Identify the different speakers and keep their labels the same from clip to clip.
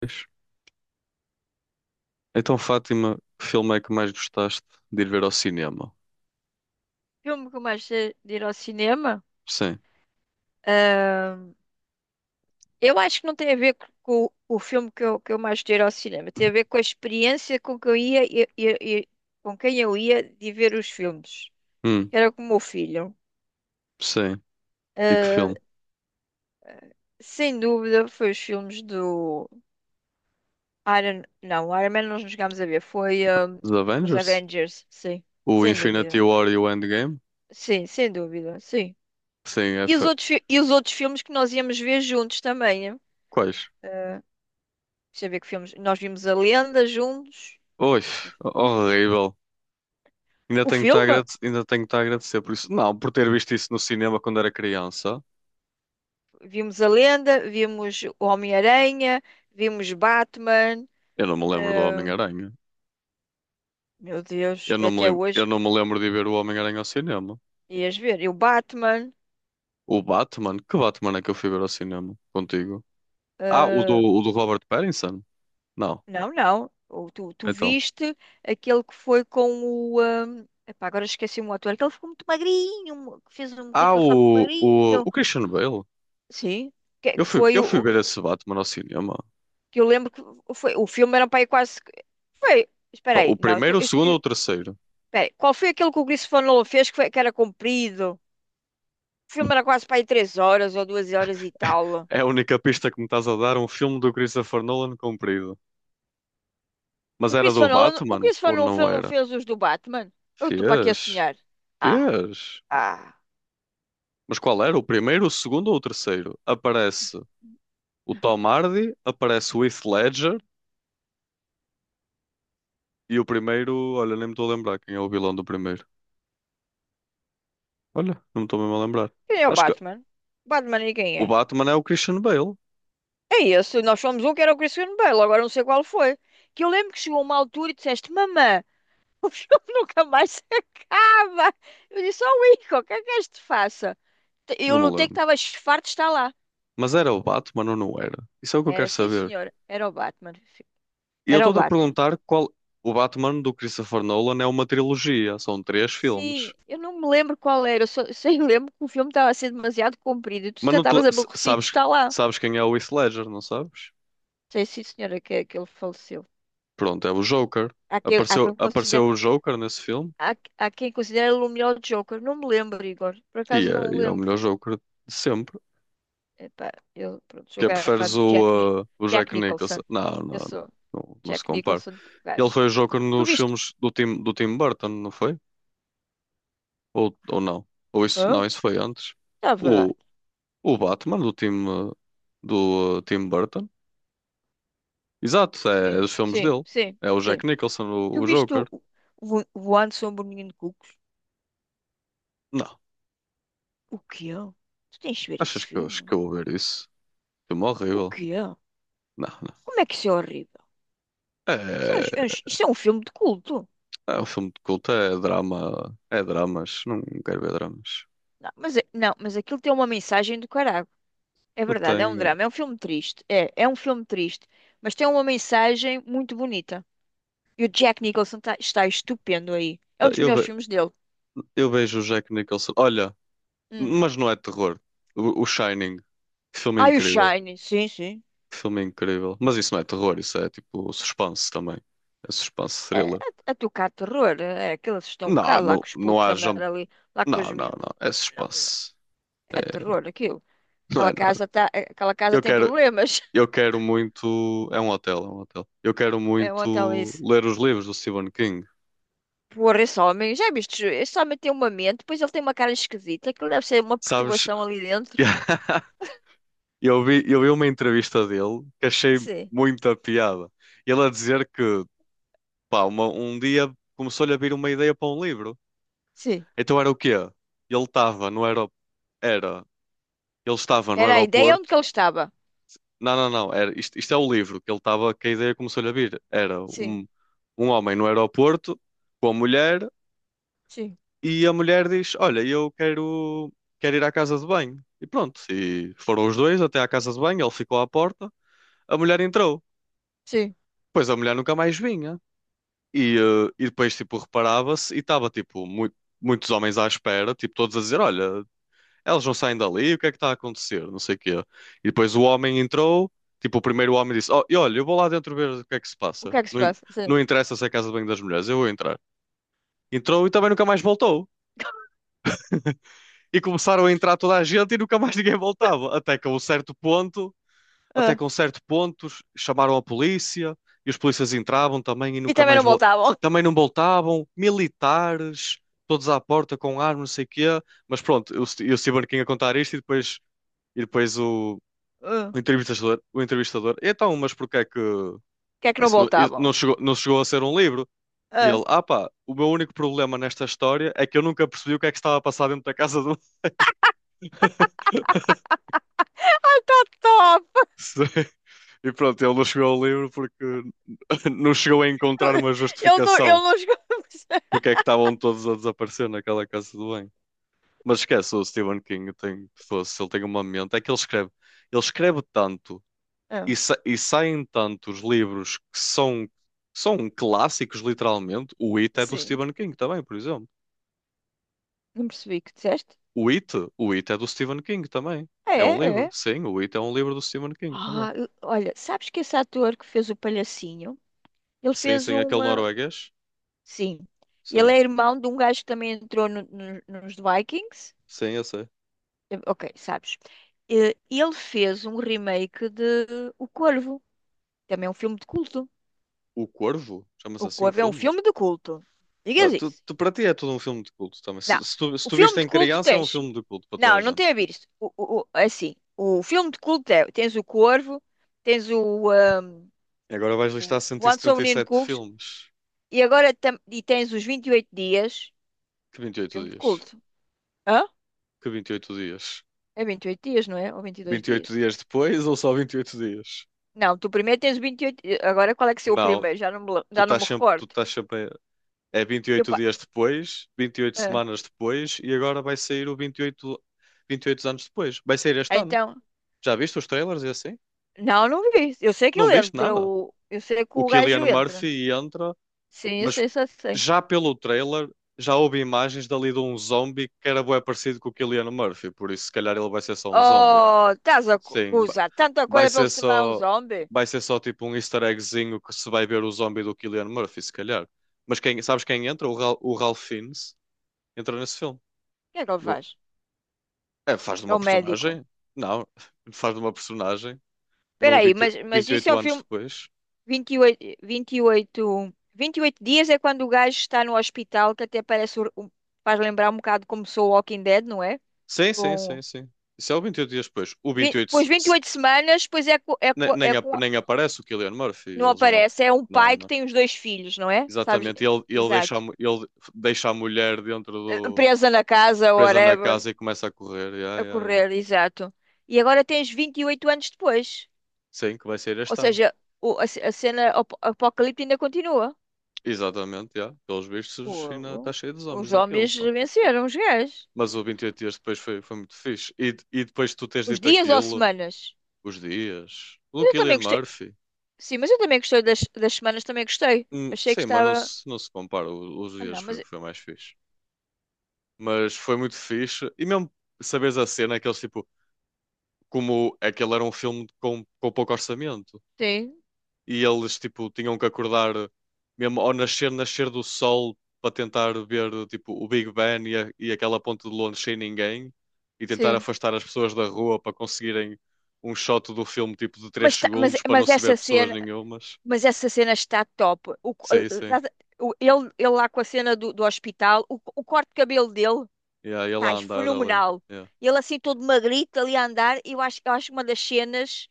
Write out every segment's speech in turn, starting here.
Speaker 1: Pois. Então, Fátima, que filme é que mais gostaste de ir ver ao cinema?
Speaker 2: Filme que eu mais gostei de ir ao cinema.
Speaker 1: Sim.
Speaker 2: Ahn, eu acho que não tem a ver com o filme que eu mais gostei de ir ao cinema. Tem a ver com a experiência com que eu ia com quem eu ia de ver os filmes.
Speaker 1: Hum,
Speaker 2: Era com o meu filho.
Speaker 1: sim. E que
Speaker 2: Ahn,
Speaker 1: filme?
Speaker 2: Sem dúvida, foi os filmes do Iron. Não, Iron Man nós não chegámos a ver. Foi
Speaker 1: Os
Speaker 2: os
Speaker 1: Avengers?
Speaker 2: Avengers, sim.
Speaker 1: O
Speaker 2: Sem
Speaker 1: Infinity
Speaker 2: dúvida.
Speaker 1: War e o Endgame?
Speaker 2: Sim, sem dúvida, sim.
Speaker 1: Sim,
Speaker 2: E os outros, fi- e os outros filmes que nós íamos ver juntos também, né?
Speaker 1: Quais?
Speaker 2: Deixa eu ver que filmes. Nós vimos a Lenda juntos.
Speaker 1: Oi, horrível.
Speaker 2: O filme?
Speaker 1: Ainda tenho que estar a agradecer por isso. Não, por ter visto isso no cinema quando era criança.
Speaker 2: Vimos a Lenda, vimos o Homem-Aranha, vimos Batman.
Speaker 1: Eu não me lembro do
Speaker 2: Ah,
Speaker 1: Homem-Aranha.
Speaker 2: meu Deus,
Speaker 1: Eu não me
Speaker 2: até
Speaker 1: lembro... eu
Speaker 2: hoje
Speaker 1: não me lembro de ir ver o Homem-Aranha ao cinema.
Speaker 2: ias ver. E o Batman.
Speaker 1: O Batman? Que Batman é que eu fui ver ao cinema contigo? Ah, o do,
Speaker 2: Ah,
Speaker 1: o do Robert Pattinson? Não.
Speaker 2: não, não. Tu
Speaker 1: Então.
Speaker 2: viste aquele que foi com o. Ah, epá, agora esqueci-me o ator. Aquele que ficou muito magrinho, que fez uma coisa
Speaker 1: Ah,
Speaker 2: para ficar muito
Speaker 1: o, o,
Speaker 2: magrinho.
Speaker 1: o Christian Bale.
Speaker 2: Sim. Que,
Speaker 1: Eu
Speaker 2: que
Speaker 1: fui,
Speaker 2: foi
Speaker 1: eu
Speaker 2: o.
Speaker 1: fui ver
Speaker 2: o-
Speaker 1: esse Batman ao cinema.
Speaker 2: Que eu lembro que foi. O filme era para aí quase. Foi. Espera
Speaker 1: O
Speaker 2: aí, não,
Speaker 1: primeiro, o segundo ou
Speaker 2: eu,
Speaker 1: o terceiro?
Speaker 2: peraí, qual foi aquele que o Christopher Nolan fez que era comprido? O filme era quase para aí 3 horas ou 2 horas e tal.
Speaker 1: É a única pista que me estás a dar, um filme do Christopher Nolan comprido. Mas
Speaker 2: O
Speaker 1: era
Speaker 2: Christopher
Speaker 1: do
Speaker 2: Nolan, o
Speaker 1: Batman
Speaker 2: Christopher
Speaker 1: ou
Speaker 2: Nolan
Speaker 1: não
Speaker 2: fez- não
Speaker 1: era?
Speaker 2: fez os do Batman? Eu estou para aqui a
Speaker 1: Fez,
Speaker 2: sonhar. Ah,
Speaker 1: fez.
Speaker 2: ah.
Speaker 1: Mas qual era? O primeiro, o segundo ou o terceiro? Aparece o Tom Hardy, aparece o Heath Ledger e o primeiro, olha, nem me estou a lembrar quem é o vilão do primeiro. Olha, não me estou mesmo a lembrar.
Speaker 2: Quem é o
Speaker 1: Acho que
Speaker 2: Batman? Batman e quem
Speaker 1: o
Speaker 2: é?
Speaker 1: Batman é o Christian Bale,
Speaker 2: É esse. Nós somos um que era o Christian Bale. Agora não sei qual foi. Que eu lembro que chegou uma altura e disseste: Mamã, o filme nunca mais se acaba. Eu disse: Oh, Ico, o que é que este faça?
Speaker 1: não
Speaker 2: Eu
Speaker 1: me
Speaker 2: notei que
Speaker 1: lembro.
Speaker 2: estava farto de estar lá.
Speaker 1: Mas era o Batman ou não era? Isso é o que eu
Speaker 2: Era,
Speaker 1: quero
Speaker 2: sim,
Speaker 1: saber.
Speaker 2: senhor. Era o Batman.
Speaker 1: E eu
Speaker 2: Era o
Speaker 1: estou-te a
Speaker 2: Batman.
Speaker 1: perguntar qual. O Batman do Christopher Nolan é uma trilogia, são três filmes.
Speaker 2: Sim, eu não me lembro qual era, eu só me lembro que o filme estava a ser demasiado comprido e tu
Speaker 1: Mas
Speaker 2: já
Speaker 1: não te...
Speaker 2: estavas
Speaker 1: s-
Speaker 2: aborrecido, de
Speaker 1: sabes...
Speaker 2: estar lá.
Speaker 1: Sabes quem é o Heath Ledger, não sabes?
Speaker 2: Sei sim, senhora, que ele faleceu.
Speaker 1: Pronto, é o Joker.
Speaker 2: Há quem, há
Speaker 1: Apareceu,
Speaker 2: quem considera,
Speaker 1: apareceu o Joker nesse filme
Speaker 2: há quem considera ele o melhor Joker. Não me lembro, Igor. Por
Speaker 1: e
Speaker 2: acaso não
Speaker 1: é,
Speaker 2: me
Speaker 1: e é o
Speaker 2: lembro.
Speaker 1: melhor Joker de sempre.
Speaker 2: Epá, eu pronto,
Speaker 1: Que
Speaker 2: sou
Speaker 1: é, preferes
Speaker 2: garrafado de
Speaker 1: o
Speaker 2: Jack
Speaker 1: Jack Nicholson?
Speaker 2: Nicholson.
Speaker 1: Não, não,
Speaker 2: Eu
Speaker 1: não,
Speaker 2: sou
Speaker 1: não, não se
Speaker 2: Jack
Speaker 1: compara.
Speaker 2: Nicholson,
Speaker 1: Ele
Speaker 2: gajo.
Speaker 1: foi o Joker
Speaker 2: Tu
Speaker 1: nos
Speaker 2: viste?
Speaker 1: filmes do Tim Burton, não foi? Ou não? Ou isso, não,
Speaker 2: Hã?
Speaker 1: isso foi antes.
Speaker 2: Estava lá.
Speaker 1: O Batman do time do Tim Burton. Exato, é, é
Speaker 2: Sim,
Speaker 1: dos filmes
Speaker 2: sim,
Speaker 1: dele.
Speaker 2: sim,
Speaker 1: É o
Speaker 2: sim.
Speaker 1: Jack Nicholson, o,
Speaker 2: Tu
Speaker 1: o
Speaker 2: viste
Speaker 1: Joker.
Speaker 2: o Voando sobre o Menino de Cucos?
Speaker 1: Não,
Speaker 2: O que é? Tu tens de ver esse
Speaker 1: achas que, acho que
Speaker 2: filme?
Speaker 1: eu vou ver isso? Filme
Speaker 2: O
Speaker 1: horrível.
Speaker 2: quê?
Speaker 1: Não, não.
Speaker 2: Como é que isso é horrível?
Speaker 1: É,
Speaker 2: Isso é um filme de culto.
Speaker 1: é um filme de culto, é drama, é dramas. Não quero ver dramas.
Speaker 2: Não, mas aquilo tem uma mensagem do caralho. É
Speaker 1: Eu
Speaker 2: verdade, é um
Speaker 1: tenho,
Speaker 2: drama, é um filme triste. É um filme triste, mas tem uma mensagem muito bonita. E o Jack Nicholson está estupendo aí. É um dos
Speaker 1: eu,
Speaker 2: melhores
Speaker 1: ve-
Speaker 2: filmes dele.
Speaker 1: Eu vejo o Jack Nicholson. Olha,
Speaker 2: Hum.
Speaker 1: mas não é terror. O Shining, que filme
Speaker 2: Ah, e o
Speaker 1: incrível,
Speaker 2: Shine, sim, sim.
Speaker 1: que filme incrível. Mas isso não é terror, isso é tipo suspense também. É suspense
Speaker 2: É,
Speaker 1: thriller.
Speaker 2: a tocar terror. É, aqueles estão um
Speaker 1: Não,
Speaker 2: bocado lá
Speaker 1: não,
Speaker 2: com os
Speaker 1: não
Speaker 2: putos a
Speaker 1: há
Speaker 2: andar
Speaker 1: jump
Speaker 2: ali, lá com
Speaker 1: Não,
Speaker 2: os
Speaker 1: não,
Speaker 2: miúdos.
Speaker 1: não. É
Speaker 2: Não, não.
Speaker 1: suspense.
Speaker 2: É
Speaker 1: É,
Speaker 2: terror aquilo.
Speaker 1: não é
Speaker 2: Aquela
Speaker 1: nada.
Speaker 2: casa, tá, é, aquela casa
Speaker 1: Eu
Speaker 2: tem
Speaker 1: quero,
Speaker 2: problemas.
Speaker 1: eu quero muito. É um hotel, é um hotel. Eu quero
Speaker 2: É um hotel
Speaker 1: muito
Speaker 2: isso.
Speaker 1: ler os livros do Stephen King.
Speaker 2: Porra, esse homem, já viste? Esse homem tem uma mente, depois ele tem uma cara esquisita, aquilo deve ser uma
Speaker 1: Sabes?
Speaker 2: perturbação ali dentro.
Speaker 1: Eu vi uma entrevista dele que achei
Speaker 2: Sim,
Speaker 1: muita piada. Ele a dizer que, pá, um dia começou-lhe a vir uma ideia para um livro.
Speaker 2: sim.
Speaker 1: Então era o quê? Ele estava no aero... era, Ele estava no
Speaker 2: Era a ideia onde que
Speaker 1: aeroporto.
Speaker 2: ele estava.
Speaker 1: Não, não, não. Era, isto é o livro que ele estava, que a ideia começou-lhe a vir. Era
Speaker 2: Sim,
Speaker 1: um, um homem no aeroporto com a mulher
Speaker 2: sim,
Speaker 1: e a mulher diz: Olha, eu quero ir à casa de banho. E pronto. E foram os dois até à casa de banho, ele ficou à porta, a mulher entrou.
Speaker 2: sim.
Speaker 1: Pois a mulher nunca mais vinha. E depois, tipo, reparava-se e estava, tipo, muitos homens à espera, tipo, todos a dizer: Olha, eles não saem dali, o que é que está a acontecer? Não sei o quê. E depois o homem entrou, tipo, o primeiro homem disse: Oh, e olha, eu vou lá dentro ver o que é que se
Speaker 2: O
Speaker 1: passa.
Speaker 2: que é que se
Speaker 1: Não,
Speaker 2: passa? Sim.
Speaker 1: não interessa se é a casa de banho das mulheres, eu vou entrar. Entrou e também nunca mais voltou. E começaram a entrar toda a gente e nunca mais ninguém voltava. Até que a um certo ponto, até
Speaker 2: Ah.
Speaker 1: que a um certo ponto, ch- chamaram a polícia e os polícias entravam também e
Speaker 2: E
Speaker 1: nunca
Speaker 2: também não
Speaker 1: mais voltavam.
Speaker 2: voltavam.
Speaker 1: Também não voltavam, militares, todos à porta com armas, não sei o quê. Mas pronto, eu estive aqui a contar isto e depois. E depois o,
Speaker 2: Ah.
Speaker 1: o entrevistador, então, mas porquê é que
Speaker 2: O que é que não
Speaker 1: isso não, isso
Speaker 2: voltavam?
Speaker 1: não chegou a ser um livro? E
Speaker 2: Ah.
Speaker 1: ele, ah pá, o meu único problema nesta história é que eu nunca percebi o que é que estava a passar dentro da casa do.
Speaker 2: Tá top!
Speaker 1: E pronto, ele não chegou ao livro porque não chegou a encontrar uma
Speaker 2: Ele não, ele
Speaker 1: justificação
Speaker 2: não chegou a perceber.
Speaker 1: porque é que estavam todos a desaparecer naquela casa do bem. Mas esquece, o Stephen King tem, fosse, ele tem uma mente, é que ele escreve tanto
Speaker 2: Ah.
Speaker 1: e, e saem tantos livros que são, são clássicos, literalmente. O It é do
Speaker 2: Sim.
Speaker 1: Stephen King também, por exemplo.
Speaker 2: Não percebi o que disseste?
Speaker 1: O It, o It é do Stephen King também. É um
Speaker 2: É,
Speaker 1: livro,
Speaker 2: é.
Speaker 1: sim, o It é um livro do Stephen King também.
Speaker 2: Ah, olha, sabes que esse ator que fez o palhacinho, ele
Speaker 1: Sim,
Speaker 2: fez
Speaker 1: sim,
Speaker 2: um.
Speaker 1: aquele norueguês.
Speaker 2: Sim. Ele
Speaker 1: Sim,
Speaker 2: é irmão de um gajo que também entrou nos Vikings.
Speaker 1: sim, eu sei.
Speaker 2: Eh, OK, sabes. Eh, ele fez um remake de O Corvo. Também é um filme de culto.
Speaker 1: O Corvo, chama-se
Speaker 2: O
Speaker 1: assim o
Speaker 2: Corvo é um
Speaker 1: filme.
Speaker 2: filme de culto.
Speaker 1: Ah,
Speaker 2: Digas isso.
Speaker 1: para ti é tudo um filme de culto também.
Speaker 2: Não.
Speaker 1: Se, se tu, se
Speaker 2: O
Speaker 1: tu
Speaker 2: filme
Speaker 1: viste
Speaker 2: de
Speaker 1: em
Speaker 2: culto
Speaker 1: criança, é um
Speaker 2: tens.
Speaker 1: filme de culto para toda a
Speaker 2: Não, não
Speaker 1: gente.
Speaker 2: tem a ver isso. É assim, o filme de culto é, tens o Corvo, tens
Speaker 1: E agora vais listar
Speaker 2: o Voando sobre o Ninho de
Speaker 1: 177
Speaker 2: Cucos
Speaker 1: filmes.
Speaker 2: e agora e tens os 28 dias.
Speaker 1: Que 28
Speaker 2: Filme de
Speaker 1: dias.
Speaker 2: culto. Hã?
Speaker 1: Que 28 dias.
Speaker 2: É 28 dias, não é? Ou Vinte e Dois
Speaker 1: vinte e oito
Speaker 2: dias?
Speaker 1: dias depois ou só 28 dias?
Speaker 2: Não, tu primeiro tens vinte e- oito. Eh, agora qual é que é o
Speaker 1: Não,
Speaker 2: primeiro? Já não
Speaker 1: tu
Speaker 2: já não
Speaker 1: estás
Speaker 2: me
Speaker 1: sempre, tu
Speaker 2: recordo.
Speaker 1: estás sempre. a- É vinte e
Speaker 2: Eu,
Speaker 1: oito
Speaker 2: pa-
Speaker 1: dias depois, 28 semanas depois e agora vai sair o 28 anos depois. Vai sair este
Speaker 2: ah,
Speaker 1: ano.
Speaker 2: então,
Speaker 1: Já viste os trailers e assim?
Speaker 2: não, não vi. Eu sei que
Speaker 1: Não
Speaker 2: ele
Speaker 1: viste
Speaker 2: entra.
Speaker 1: nada.
Speaker 2: Eu sei que
Speaker 1: O
Speaker 2: o gajo
Speaker 1: Cillian
Speaker 2: entra.
Speaker 1: Murphy entra,
Speaker 2: Sim, eu
Speaker 1: mas
Speaker 2: sei, só sei.
Speaker 1: já pelo trailer já houve imagens dali de um zombie que era bué parecido com o Cillian Murphy, por isso se calhar ele vai ser só um zombie.
Speaker 2: Oh, estás a
Speaker 1: Sim,
Speaker 2: gozar tanta
Speaker 1: vai
Speaker 2: coisa para ele
Speaker 1: ser
Speaker 2: se tornar um
Speaker 1: só,
Speaker 2: zombie? O
Speaker 1: vai ser só tipo um easter eggzinho que se vai ver o zombie do Cillian Murphy, se calhar. Mas quem, sabes quem entra? O Ralph Fiennes entra nesse filme.
Speaker 2: que é que ele
Speaker 1: No-
Speaker 2: faz?
Speaker 1: É, faz de
Speaker 2: É
Speaker 1: uma
Speaker 2: o médico.
Speaker 1: personagem? Não, faz de uma personagem
Speaker 2: Espera
Speaker 1: no
Speaker 2: aí, mas
Speaker 1: vinte e
Speaker 2: isso é
Speaker 1: oito
Speaker 2: o
Speaker 1: anos
Speaker 2: filme
Speaker 1: depois.
Speaker 2: vinte vinte e oito vinte e oito vinte e oito dias é quando o gajo está no hospital, que até parece, faz lembrar um bocado como sou o Walking Dead, não é?
Speaker 1: Sim, sim,
Speaker 2: Com,
Speaker 1: sim, sim. Isso é o 28 dias depois. O 28
Speaker 2: pois vinte e oito semanas, pois é, é com.
Speaker 1: nem aparece o Cillian Murphy,
Speaker 2: Não
Speaker 1: ele já não.
Speaker 2: aparece, é um
Speaker 1: Não,
Speaker 2: pai que
Speaker 1: não.
Speaker 2: tem os dois filhos, não é? Sabes?
Speaker 1: Exatamente. Ele, ele deixa, a
Speaker 2: Exato.
Speaker 1: mu- ele deixa a mulher dentro do
Speaker 2: Presa na casa,
Speaker 1: presa na
Speaker 2: whatever,
Speaker 1: casa e começa a correr. Ya,
Speaker 2: a
Speaker 1: ya,
Speaker 2: correr, exato. E agora tens 28 anos depois.
Speaker 1: sim, que vai sair
Speaker 2: Ou
Speaker 1: este ano.
Speaker 2: seja, a cena apocalipse ainda continua.
Speaker 1: Exatamente, já. Pelos vistos, ainda está
Speaker 2: Fogo.
Speaker 1: cheio de
Speaker 2: Os
Speaker 1: zombies aquilo,
Speaker 2: homens
Speaker 1: pá.
Speaker 2: venceram, os gajos.
Speaker 1: Mas o 28 dias depois foi, foi muito fixe. E, e depois de tu teres
Speaker 2: Os
Speaker 1: dito
Speaker 2: dias ou
Speaker 1: aquilo,
Speaker 2: semanas?
Speaker 1: os dias. O
Speaker 2: Mas eu também
Speaker 1: Cillian
Speaker 2: gostei.
Speaker 1: Murphy.
Speaker 2: Sim, mas eu também gostei das semanas, também gostei. Achei que
Speaker 1: Sim, mas não
Speaker 2: estava.
Speaker 1: se, não se compara. Os
Speaker 2: Ah,
Speaker 1: dias
Speaker 2: não,
Speaker 1: foi,
Speaker 2: mas.
Speaker 1: foi mais fixe. Mas foi muito fixe. E mesmo saberes a cena, aqueles tipo, como aquele era um filme com pouco orçamento.
Speaker 2: Sim,
Speaker 1: E eles tipo tinham que acordar mesmo ao nascer do sol para tentar ver tipo o Big Ben e aquela ponte de Londres sem ninguém e tentar
Speaker 2: sim.
Speaker 1: afastar as pessoas da rua para conseguirem um shot do filme tipo de 3
Speaker 2: Mas, ta- mas,
Speaker 1: segundos para não
Speaker 2: mas
Speaker 1: se ver
Speaker 2: essa
Speaker 1: pessoas
Speaker 2: cena.
Speaker 1: nenhumas.
Speaker 2: Mas essa cena está top. O co-
Speaker 1: Sim, sim.
Speaker 2: estás o- ele lá com a cena do hospital, o corte de cabelo dele,
Speaker 1: Yeah, e ela
Speaker 2: tá, é
Speaker 1: andar ali.
Speaker 2: fenomenal.
Speaker 1: Yeah.
Speaker 2: Ele assim todo magrito ali a andar, eu acho uma das cenas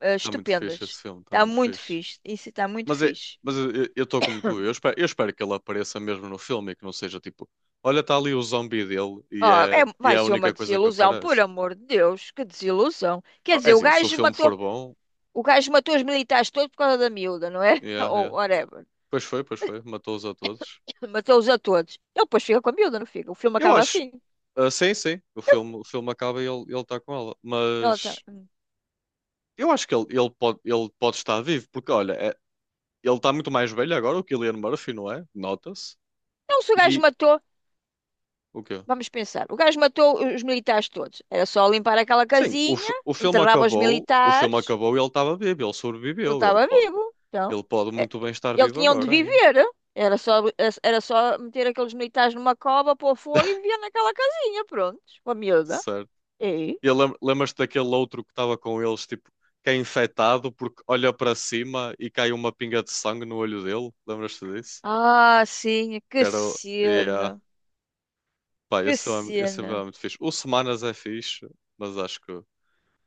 Speaker 2: eh,
Speaker 1: Está muito fixe
Speaker 2: estupendas.
Speaker 1: esse filme, está
Speaker 2: Está
Speaker 1: muito
Speaker 2: muito
Speaker 1: fixe.
Speaker 2: fixe. Isso está muito
Speaker 1: Mas, é,
Speaker 2: fixe.
Speaker 1: mas eu estou como tu, eu espero que ele apareça mesmo no filme e que não seja tipo, olha, está ali o zombie dele e é
Speaker 2: Vai
Speaker 1: a
Speaker 2: ser uma
Speaker 1: única coisa que
Speaker 2: desilusão, por
Speaker 1: aparece.
Speaker 2: amor de Deus, que desilusão. Quer
Speaker 1: Ah, é
Speaker 2: dizer, o
Speaker 1: assim, se o
Speaker 2: gajo
Speaker 1: filme
Speaker 2: matou,
Speaker 1: for bom.
Speaker 2: o gajo matou os militares todos por causa da miúda, não é?
Speaker 1: Yeah,
Speaker 2: Ou
Speaker 1: yeah.
Speaker 2: whatever.
Speaker 1: Pois foi, pois foi. Matou-os a todos.
Speaker 2: Matou-os a todos. Ele depois fica com a miúda, não fica? O filme
Speaker 1: Eu
Speaker 2: acaba
Speaker 1: acho.
Speaker 2: assim.
Speaker 1: Ah, sim, sim. O filme acaba e ele está com ela.
Speaker 2: Ela tá:
Speaker 1: Mas
Speaker 2: "Hum."
Speaker 1: eu acho que ele pode estar vivo. Porque, olha, é- ele está muito mais velho agora, o Cillian Murphy, não é? Nota-se.
Speaker 2: Não, se o gajo
Speaker 1: E
Speaker 2: matou.
Speaker 1: o quê?
Speaker 2: Vamos pensar. O gajo matou os militares todos. Era só limpar aquela
Speaker 1: Sim,
Speaker 2: casinha,
Speaker 1: o filme
Speaker 2: enterrava os
Speaker 1: acabou. O filme
Speaker 2: militares,
Speaker 1: acabou e ele estava vivo. Ele
Speaker 2: ele
Speaker 1: sobreviveu. Ele
Speaker 2: estava
Speaker 1: pode,
Speaker 2: vivo. Então,
Speaker 1: ele pode
Speaker 2: é-
Speaker 1: muito bem estar
Speaker 2: ele
Speaker 1: vivo
Speaker 2: tinha onde
Speaker 1: agora ainda.
Speaker 2: viver. Era só, era só meter aqueles militares numa cova, pôr fogo e vivia naquela casinha, pronto, com a miúda.
Speaker 1: Certo.
Speaker 2: E?
Speaker 1: E lembras-te daquele outro que estava com eles, tipo, que é infectado porque olha para cima e cai uma pinga de sangue no olho dele? Lembras-te disso?
Speaker 2: Ah, sim,
Speaker 1: Que
Speaker 2: que
Speaker 1: era. Yeah.
Speaker 2: cena,
Speaker 1: Pá,
Speaker 2: que
Speaker 1: esse é
Speaker 2: cena.
Speaker 1: muito fixe. O Semanas é fixe, mas acho que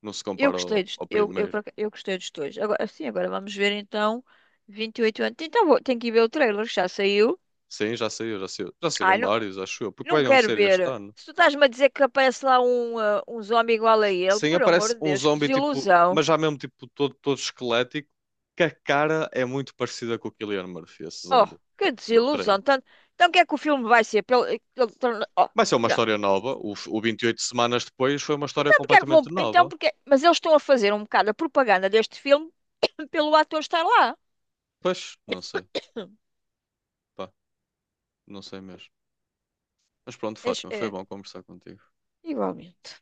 Speaker 1: não se
Speaker 2: Eu
Speaker 1: compara
Speaker 2: gostei
Speaker 1: ao,
Speaker 2: dos,
Speaker 1: ao
Speaker 2: eu,
Speaker 1: primeiro.
Speaker 2: por aca- Eu gostei dos dois. Agora, sim, agora vamos ver então 28 anos. Então, vou, tenho que ir ver o trailer, que já saiu.
Speaker 1: Sim, já saiu, já saiu. Já
Speaker 2: Ai,
Speaker 1: saíram
Speaker 2: não.
Speaker 1: vários, acho eu. Porque
Speaker 2: Não
Speaker 1: vai mesmo
Speaker 2: quero
Speaker 1: ser este
Speaker 2: ver.
Speaker 1: ano.
Speaker 2: Se tu estás-me a dizer que aparece lá um zombie igual a ele,
Speaker 1: Sim,
Speaker 2: por amor
Speaker 1: aparece
Speaker 2: de
Speaker 1: um
Speaker 2: Deus, que
Speaker 1: zombie, tipo, mas
Speaker 2: desilusão.
Speaker 1: já mesmo, tipo, todo, todo esquelético, que a cara é muito parecida com o Cillian Murphy, esse
Speaker 2: Oh,
Speaker 1: zombie,
Speaker 2: que
Speaker 1: do trailer.
Speaker 2: desilusão. Então, o que é que o filme vai ser? Pelo- torna- oh,
Speaker 1: Vai ser uma
Speaker 2: não.
Speaker 1: história nova. O 28 semanas depois foi uma história
Speaker 2: Então, porque é que vão.
Speaker 1: completamente
Speaker 2: Então,
Speaker 1: nova.
Speaker 2: porque... Mas eles estão a fazer um bocado a propaganda deste filme pelo ator estar lá.
Speaker 1: Pois, não sei. Pá, não sei mesmo. Mas pronto,
Speaker 2: É,
Speaker 1: Fátima, foi
Speaker 2: é
Speaker 1: bom conversar contigo.
Speaker 2: igualmente.